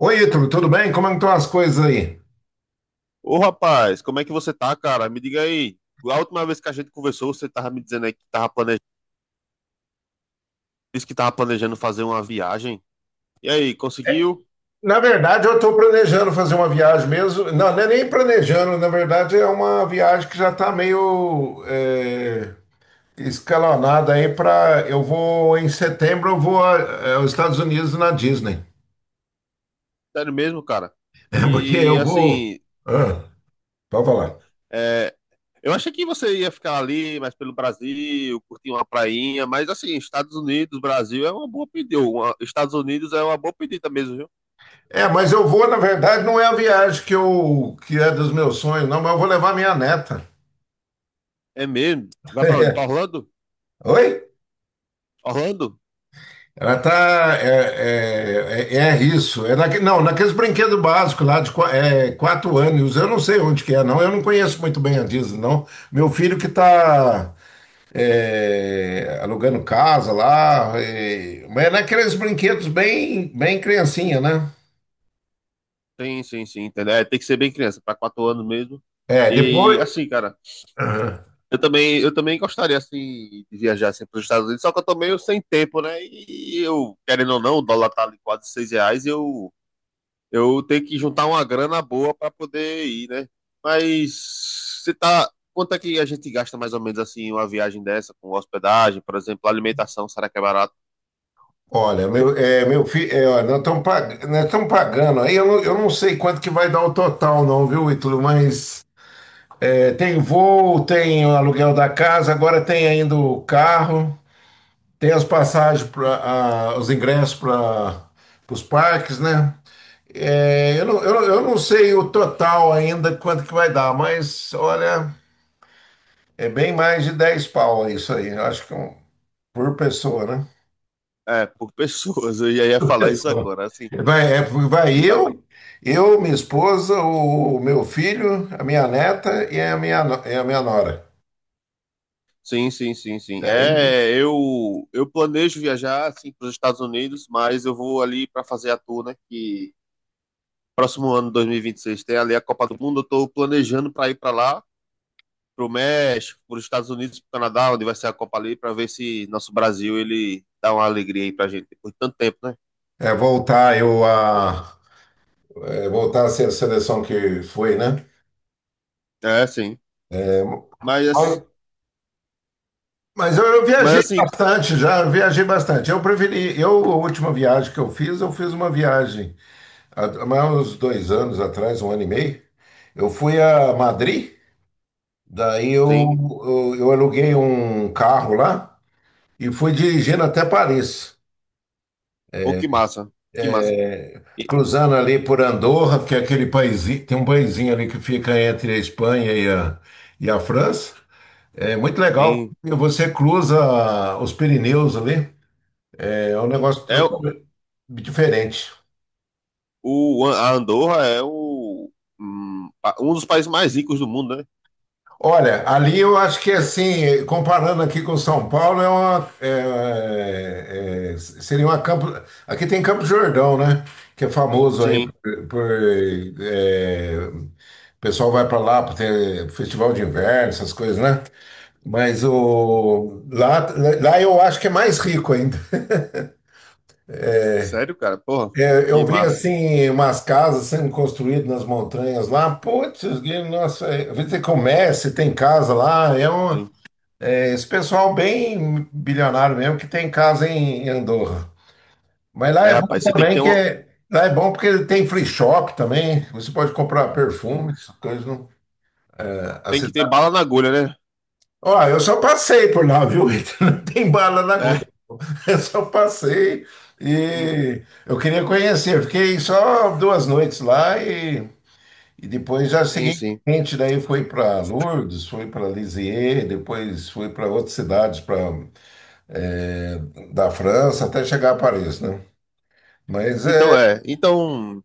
Oi, Ítalo, tudo bem? Como é que estão as coisas aí? Ô rapaz, como é que você tá, cara? Me diga aí. A última vez que a gente conversou, você tava me dizendo aí que tava planejando, disse que tava planejando fazer uma viagem. E aí, conseguiu? Na verdade, eu estou planejando fazer uma viagem mesmo. Não, não é nem planejando, na verdade, é uma viagem que já está meio escalonada aí para. Eu vou, em setembro, eu vou aos Estados Unidos na Disney. Sério mesmo, cara? É porque E eu vou. assim, Ah, pode falar. é, eu achei que você ia ficar ali, mas pelo Brasil, curtir uma prainha, mas assim, Estados Unidos, Brasil é uma boa pedida. Estados Unidos é uma boa pedida mesmo, viu? É, mas eu vou, na verdade, não é a viagem que, eu, que é dos meus sonhos, não, mas eu vou levar minha neta. É mesmo. Vai pra onde? Pra Orlando? Oi? Orlando? Ela tá. É isso. É naque, não, Naqueles brinquedos básicos lá de 4 anos. Eu não sei onde que é, não. Eu não conheço muito bem a Disney, não. Meu filho que tá alugando casa lá. Mas é naqueles brinquedos bem, bem criancinha, né? Sim, sim, sim, entendeu? É, tem que ser bem criança, pra 4 anos mesmo. É, E depois. assim, cara. Aham. Eu também gostaria assim de viajar assim, para os Estados Unidos, só que eu tô meio sem tempo, né? E eu, querendo ou não, o dólar tá ali quase 6 reais, eu tenho que juntar uma grana boa para poder ir, né? Mas você tá. Quanto é que a gente gasta mais ou menos assim uma viagem dessa, com hospedagem, por exemplo, alimentação, será que é barato? Olha, meu filho, nós estamos pagando aí, eu não sei quanto que vai dar o total, não, viu, Ítalo? Mas tem voo, tem o aluguel da casa, agora tem ainda o carro, tem as passagens para os ingressos para os parques, né? Eu não sei o total ainda quanto que vai dar, mas olha, é bem mais de 10 pau isso aí, eu acho que por pessoa, né? É, por pessoas, eu ia ia Por falar isso pessoa. agora, assim. Vai Ma- eu, minha esposa, o meu filho, a minha neta e a minha, no- e a minha nora. Sim, sim, sim, sim. Daí É, eu planejo viajar assim para os Estados Unidos, mas eu vou ali para fazer a tour, né, que próximo ano, 2026, tem ali a Copa do Mundo. Eu tô planejando para ir para lá, pro México, pros Estados Unidos, pro Canadá, onde vai ser a Copa ali, para ver se nosso Brasil ele dá uma alegria aí pra gente depois de tanto tempo, né? é voltar eu a voltar a ser a seleção que foi, né? É, sim. Mas, ass- Olha, mas eu mas viajei assim, bastante, já viajei bastante. Eu preferi, eu, a última viagem que eu fiz uma viagem há mais uns 2 anos atrás, um ano e meio. Eu fui a Madrid, daí eu, sim. eu, eu aluguei um carro lá e fui dirigindo até Paris, Pô, que massa. Que massa. E cruzando ali por Andorra, que é aquele país, tem um paísinho ali que fica entre a Espanha e a França. É muito legal, tem. porque você cruza os Pirineus ali, é um Assim, negócio totalmente diferente. A Andorra é o um dos países mais ricos do mundo, né? Olha, ali eu acho que assim, comparando aqui com São Paulo, é uma, é- é- é, seria uma Campo. Aqui tem Campo Jordão, né? Que é famoso aí Sim. O pessoal vai para lá para ter festival de inverno, essas coisas, né? Mas lá eu acho que é mais rico ainda. Sério, cara? Porra, É, que eu vi massa. assim umas casas sendo construídas nas montanhas lá. Putz, nossa, é, eu vi dizer que o Messi tem casa lá. Sim. Esse pessoal bem bilionário mesmo que tem casa em Andorra. Mas lá É, é bom rapaz, você tem que também ter uma. Lá é bom porque tem free shop também. Você pode comprar Sim. perfumes, coisas não. É, a Tem que ter cidade. bala na agulha, né? Ó, eu só passei por lá, viu? Ítalo? Não tem bala na agulha. É, Eu só passei hum, e eu queria conhecer. Eu fiquei só 2 noites lá e depois, já sim, sim. seguinte, daí foi para Lourdes, foi para Lisieux, depois foi para outras cidades é, da França, até chegar a Paris, né? Mas Então é. é, então,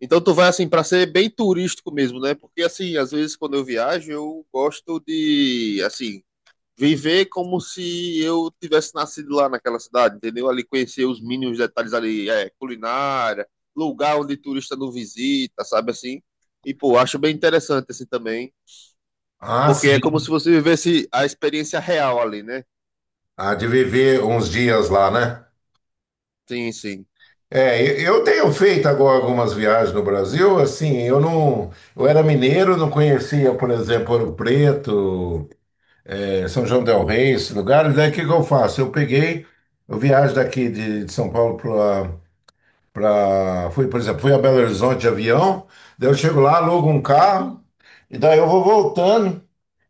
então tu vai assim para ser bem turístico mesmo, né? Porque assim, às vezes quando eu viajo, eu gosto de assim, viver como se eu tivesse nascido lá naquela cidade, entendeu? Ali conhecer os mínimos detalhes ali, culinária, lugar onde turista não visita, sabe assim? E pô, acho bem interessante assim também, Ah, porque é como sim. se você vivesse a experiência real ali, né? Há de viver uns dias lá, né? Sim, sim. É, eu tenho feito agora algumas viagens no Brasil, assim, eu era mineiro, não conhecia, por exemplo, Ouro Preto, São João del Rei, esses lugares, daí o que que eu faço? Eu peguei, eu viajo daqui de São Paulo pra, fui, por exemplo, fui a Belo Horizonte de avião, daí eu chego lá, alugo um carro, e daí eu vou voltando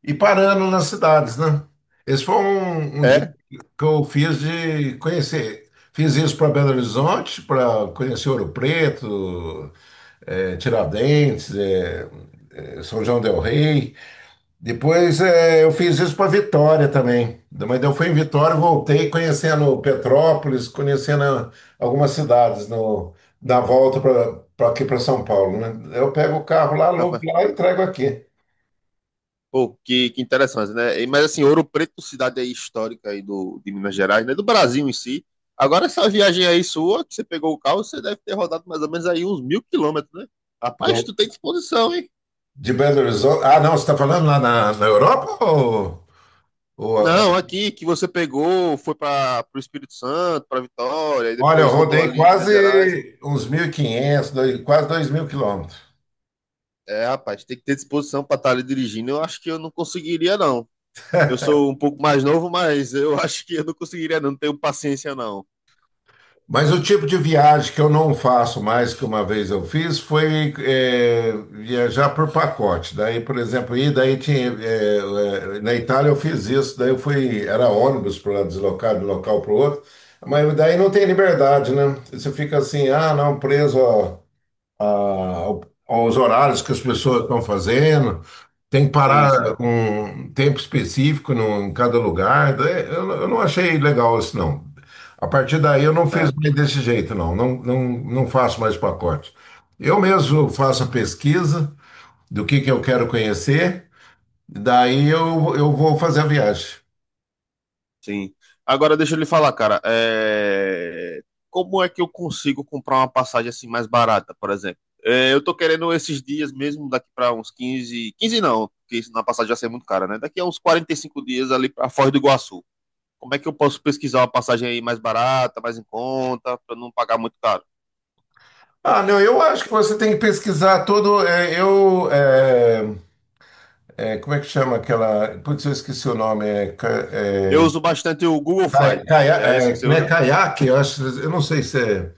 e parando nas cidades, né? Esse foi um jeito É? que eu fiz de conhecer. Fiz isso para Belo Horizonte, para conhecer Ouro Preto, Tiradentes, São João del Rei. Depois eu fiz isso para Vitória também. Mas eu fui em Vitória, voltei conhecendo Petrópolis, conhecendo algumas cidades no, na volta para aqui para São Paulo, né? Eu pego o carro lá, alugo lá e entrego aqui. Pô, que interessante, né? Mas assim, Ouro Preto, cidade aí histórica aí do, de Minas Gerais, né? Do Brasil em si. Agora, essa viagem aí sua, que você pegou o carro, você deve ter rodado mais ou menos aí uns 1.000 quilômetros, né? Rapaz, Eu- tu tem disposição, hein? de Belo Horizonte. Ah, não, você está falando lá na Europa? Ou- Não, aqui que você pegou, foi para o Espírito Santo, para Vitória, e Olha, depois eu rodou rodei ali em Minas Gerais. quase uns 1.500, quase 2.000 quilômetros. É, rapaz, tem que ter disposição para estar ali dirigindo. Eu acho que eu não conseguiria, não. Eu sou um pouco mais novo, mas eu acho que eu não conseguiria, não. Não tenho paciência, não. Mas o tipo de viagem que eu não faço mais que uma vez eu fiz foi viajar por pacote. Daí, por exemplo, ir, daí tinha, na Itália eu fiz isso, daí eu fui, era ônibus para deslocar de um local para o outro, mas daí não tem liberdade, né? Você fica assim, ah, não, preso a a- ao- aos horários que as pessoas estão fazendo, tem que Sim, sim. parar com um tempo específico em cada lugar. Eu não achei legal isso, não. A partir daí eu não fiz É. mais desse jeito, não. Não, não, não faço mais pacotes. Eu mesmo faço a pesquisa que eu quero conhecer, daí eu vou fazer a viagem. Sim. Agora deixa eu lhe falar, cara. Como é que eu consigo comprar uma passagem assim mais barata, por exemplo? É, eu tô querendo esses dias mesmo, daqui para uns 15, 15 não, porque isso na passagem já ser muito cara, né? Daqui a uns 45 dias ali para Foz do Iguaçu. Como é que eu posso pesquisar uma passagem aí mais barata, mais em conta, para não pagar muito caro? Ah, não, eu acho que você tem que pesquisar todo. Como é que chama aquela. Putz, eu esqueci o nome. Eu uso bastante o Google Flights. É esse que você usa? Caiaque, eu acho, eu não sei se é.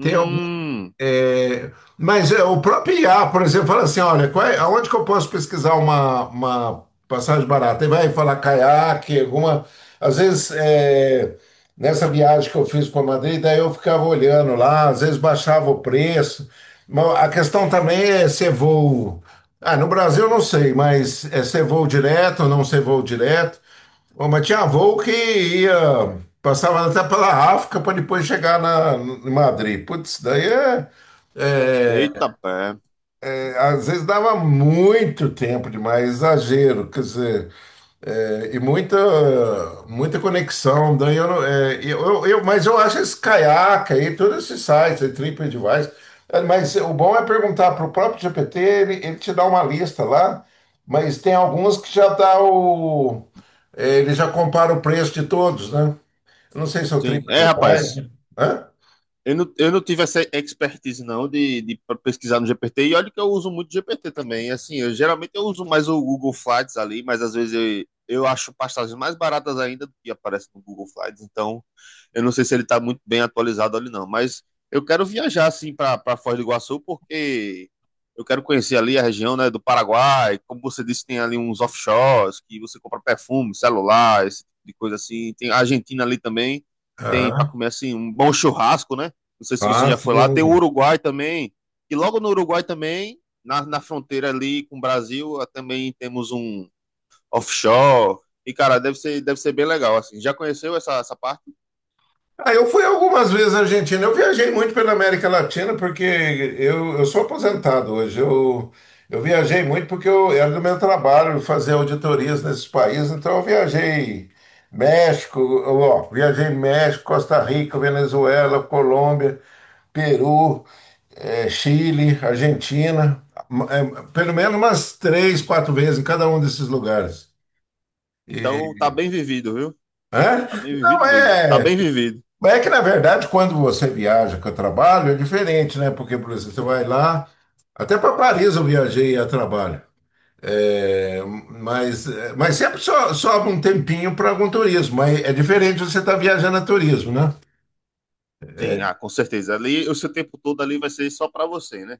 Tem algum, é, mas é, o próprio IA, por exemplo, fala assim: olha, aonde que eu posso pesquisar uma passagem barata? E vai falar caiaque, alguma. Às vezes, nessa viagem que eu fiz para Madrid, daí eu ficava olhando lá, às vezes baixava o preço. Mas a questão também é ser voo. Ah, no Brasil eu não sei, mas é ser voo direto ou não ser voo direto. Bom, mas tinha voo que ia, passava até pela África para depois chegar em Madrid. Putz, daí é. Eita pé. Às vezes dava muito tempo demais, exagero, quer dizer, muita, muita conexão. Daí eu, não- é, eu- Mas eu acho esse caiaca aí, todos esses sites, aí, TripAdvisor. Mas o bom é perguntar para o próprio GPT, ele te dá uma lista lá, mas tem alguns que já dá o. Ele já compara o preço de todos, né? Eu não sei se é o Sim. É, rapaz. TripAdvisor. Hã? Eu não tive essa expertise não de pra pesquisar no GPT, e olha que eu uso muito GPT também. Assim, eu geralmente eu uso mais o Google Slides ali, mas às vezes eu acho pastagens mais baratas ainda do que aparece no Google Slides. Então, eu não sei se ele está muito bem atualizado ali não, mas eu quero viajar assim para Foz do Iguaçu porque eu quero conhecer ali a região, né, do Paraguai. Como você disse, tem ali uns offshores que você compra perfume, celular, esse tipo de coisa assim. Tem a Argentina ali também, que tem para Ah, comer assim um bom churrasco, né? Não sei se você já foi lá. Tem o fácil. Uruguai também. E logo no Uruguai também, na fronteira ali com o Brasil, ah, também temos um offshore. E, cara, deve ser bem legal, assim. Já conheceu essa, essa parte? Ah, eu fui algumas vezes à Argentina. Eu viajei muito pela América Latina porque eu sou aposentado hoje. Eu viajei muito porque eu, era do meu trabalho fazer auditorias nesses países. Então eu viajei México, eu, ó, viajei México, Costa Rica, Venezuela, Colômbia, Peru, Chile, Argentina. Pelo menos umas três, quatro vezes em cada um desses lugares. Então, tá bem vivido, viu? Hã? Tá bem Não vivido mesmo. Tá é. bem vivido. Mas é que, na verdade, quando você viaja que eu trabalho, é diferente, né? Porque, por exemplo, você vai lá, até para Paris eu viajei a trabalho. É, mas, mas sempre sobra um tempinho para algum turismo. Mas é diferente você estar viajando a turismo, né? Sim, ah, com certeza. Ali, o seu tempo todo ali vai ser só pra você, né?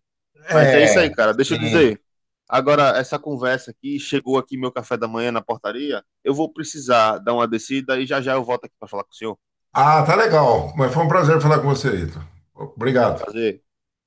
Mas é isso É, aí, é, cara. Deixa eu sim. dizer. Agora, essa conversa aqui, chegou aqui meu café da manhã na portaria. Eu vou precisar dar uma descida e já já eu volto aqui pra falar com o senhor. Ah, tá legal. Mas foi um prazer falar com você, Ito. Obrigado. Prazer.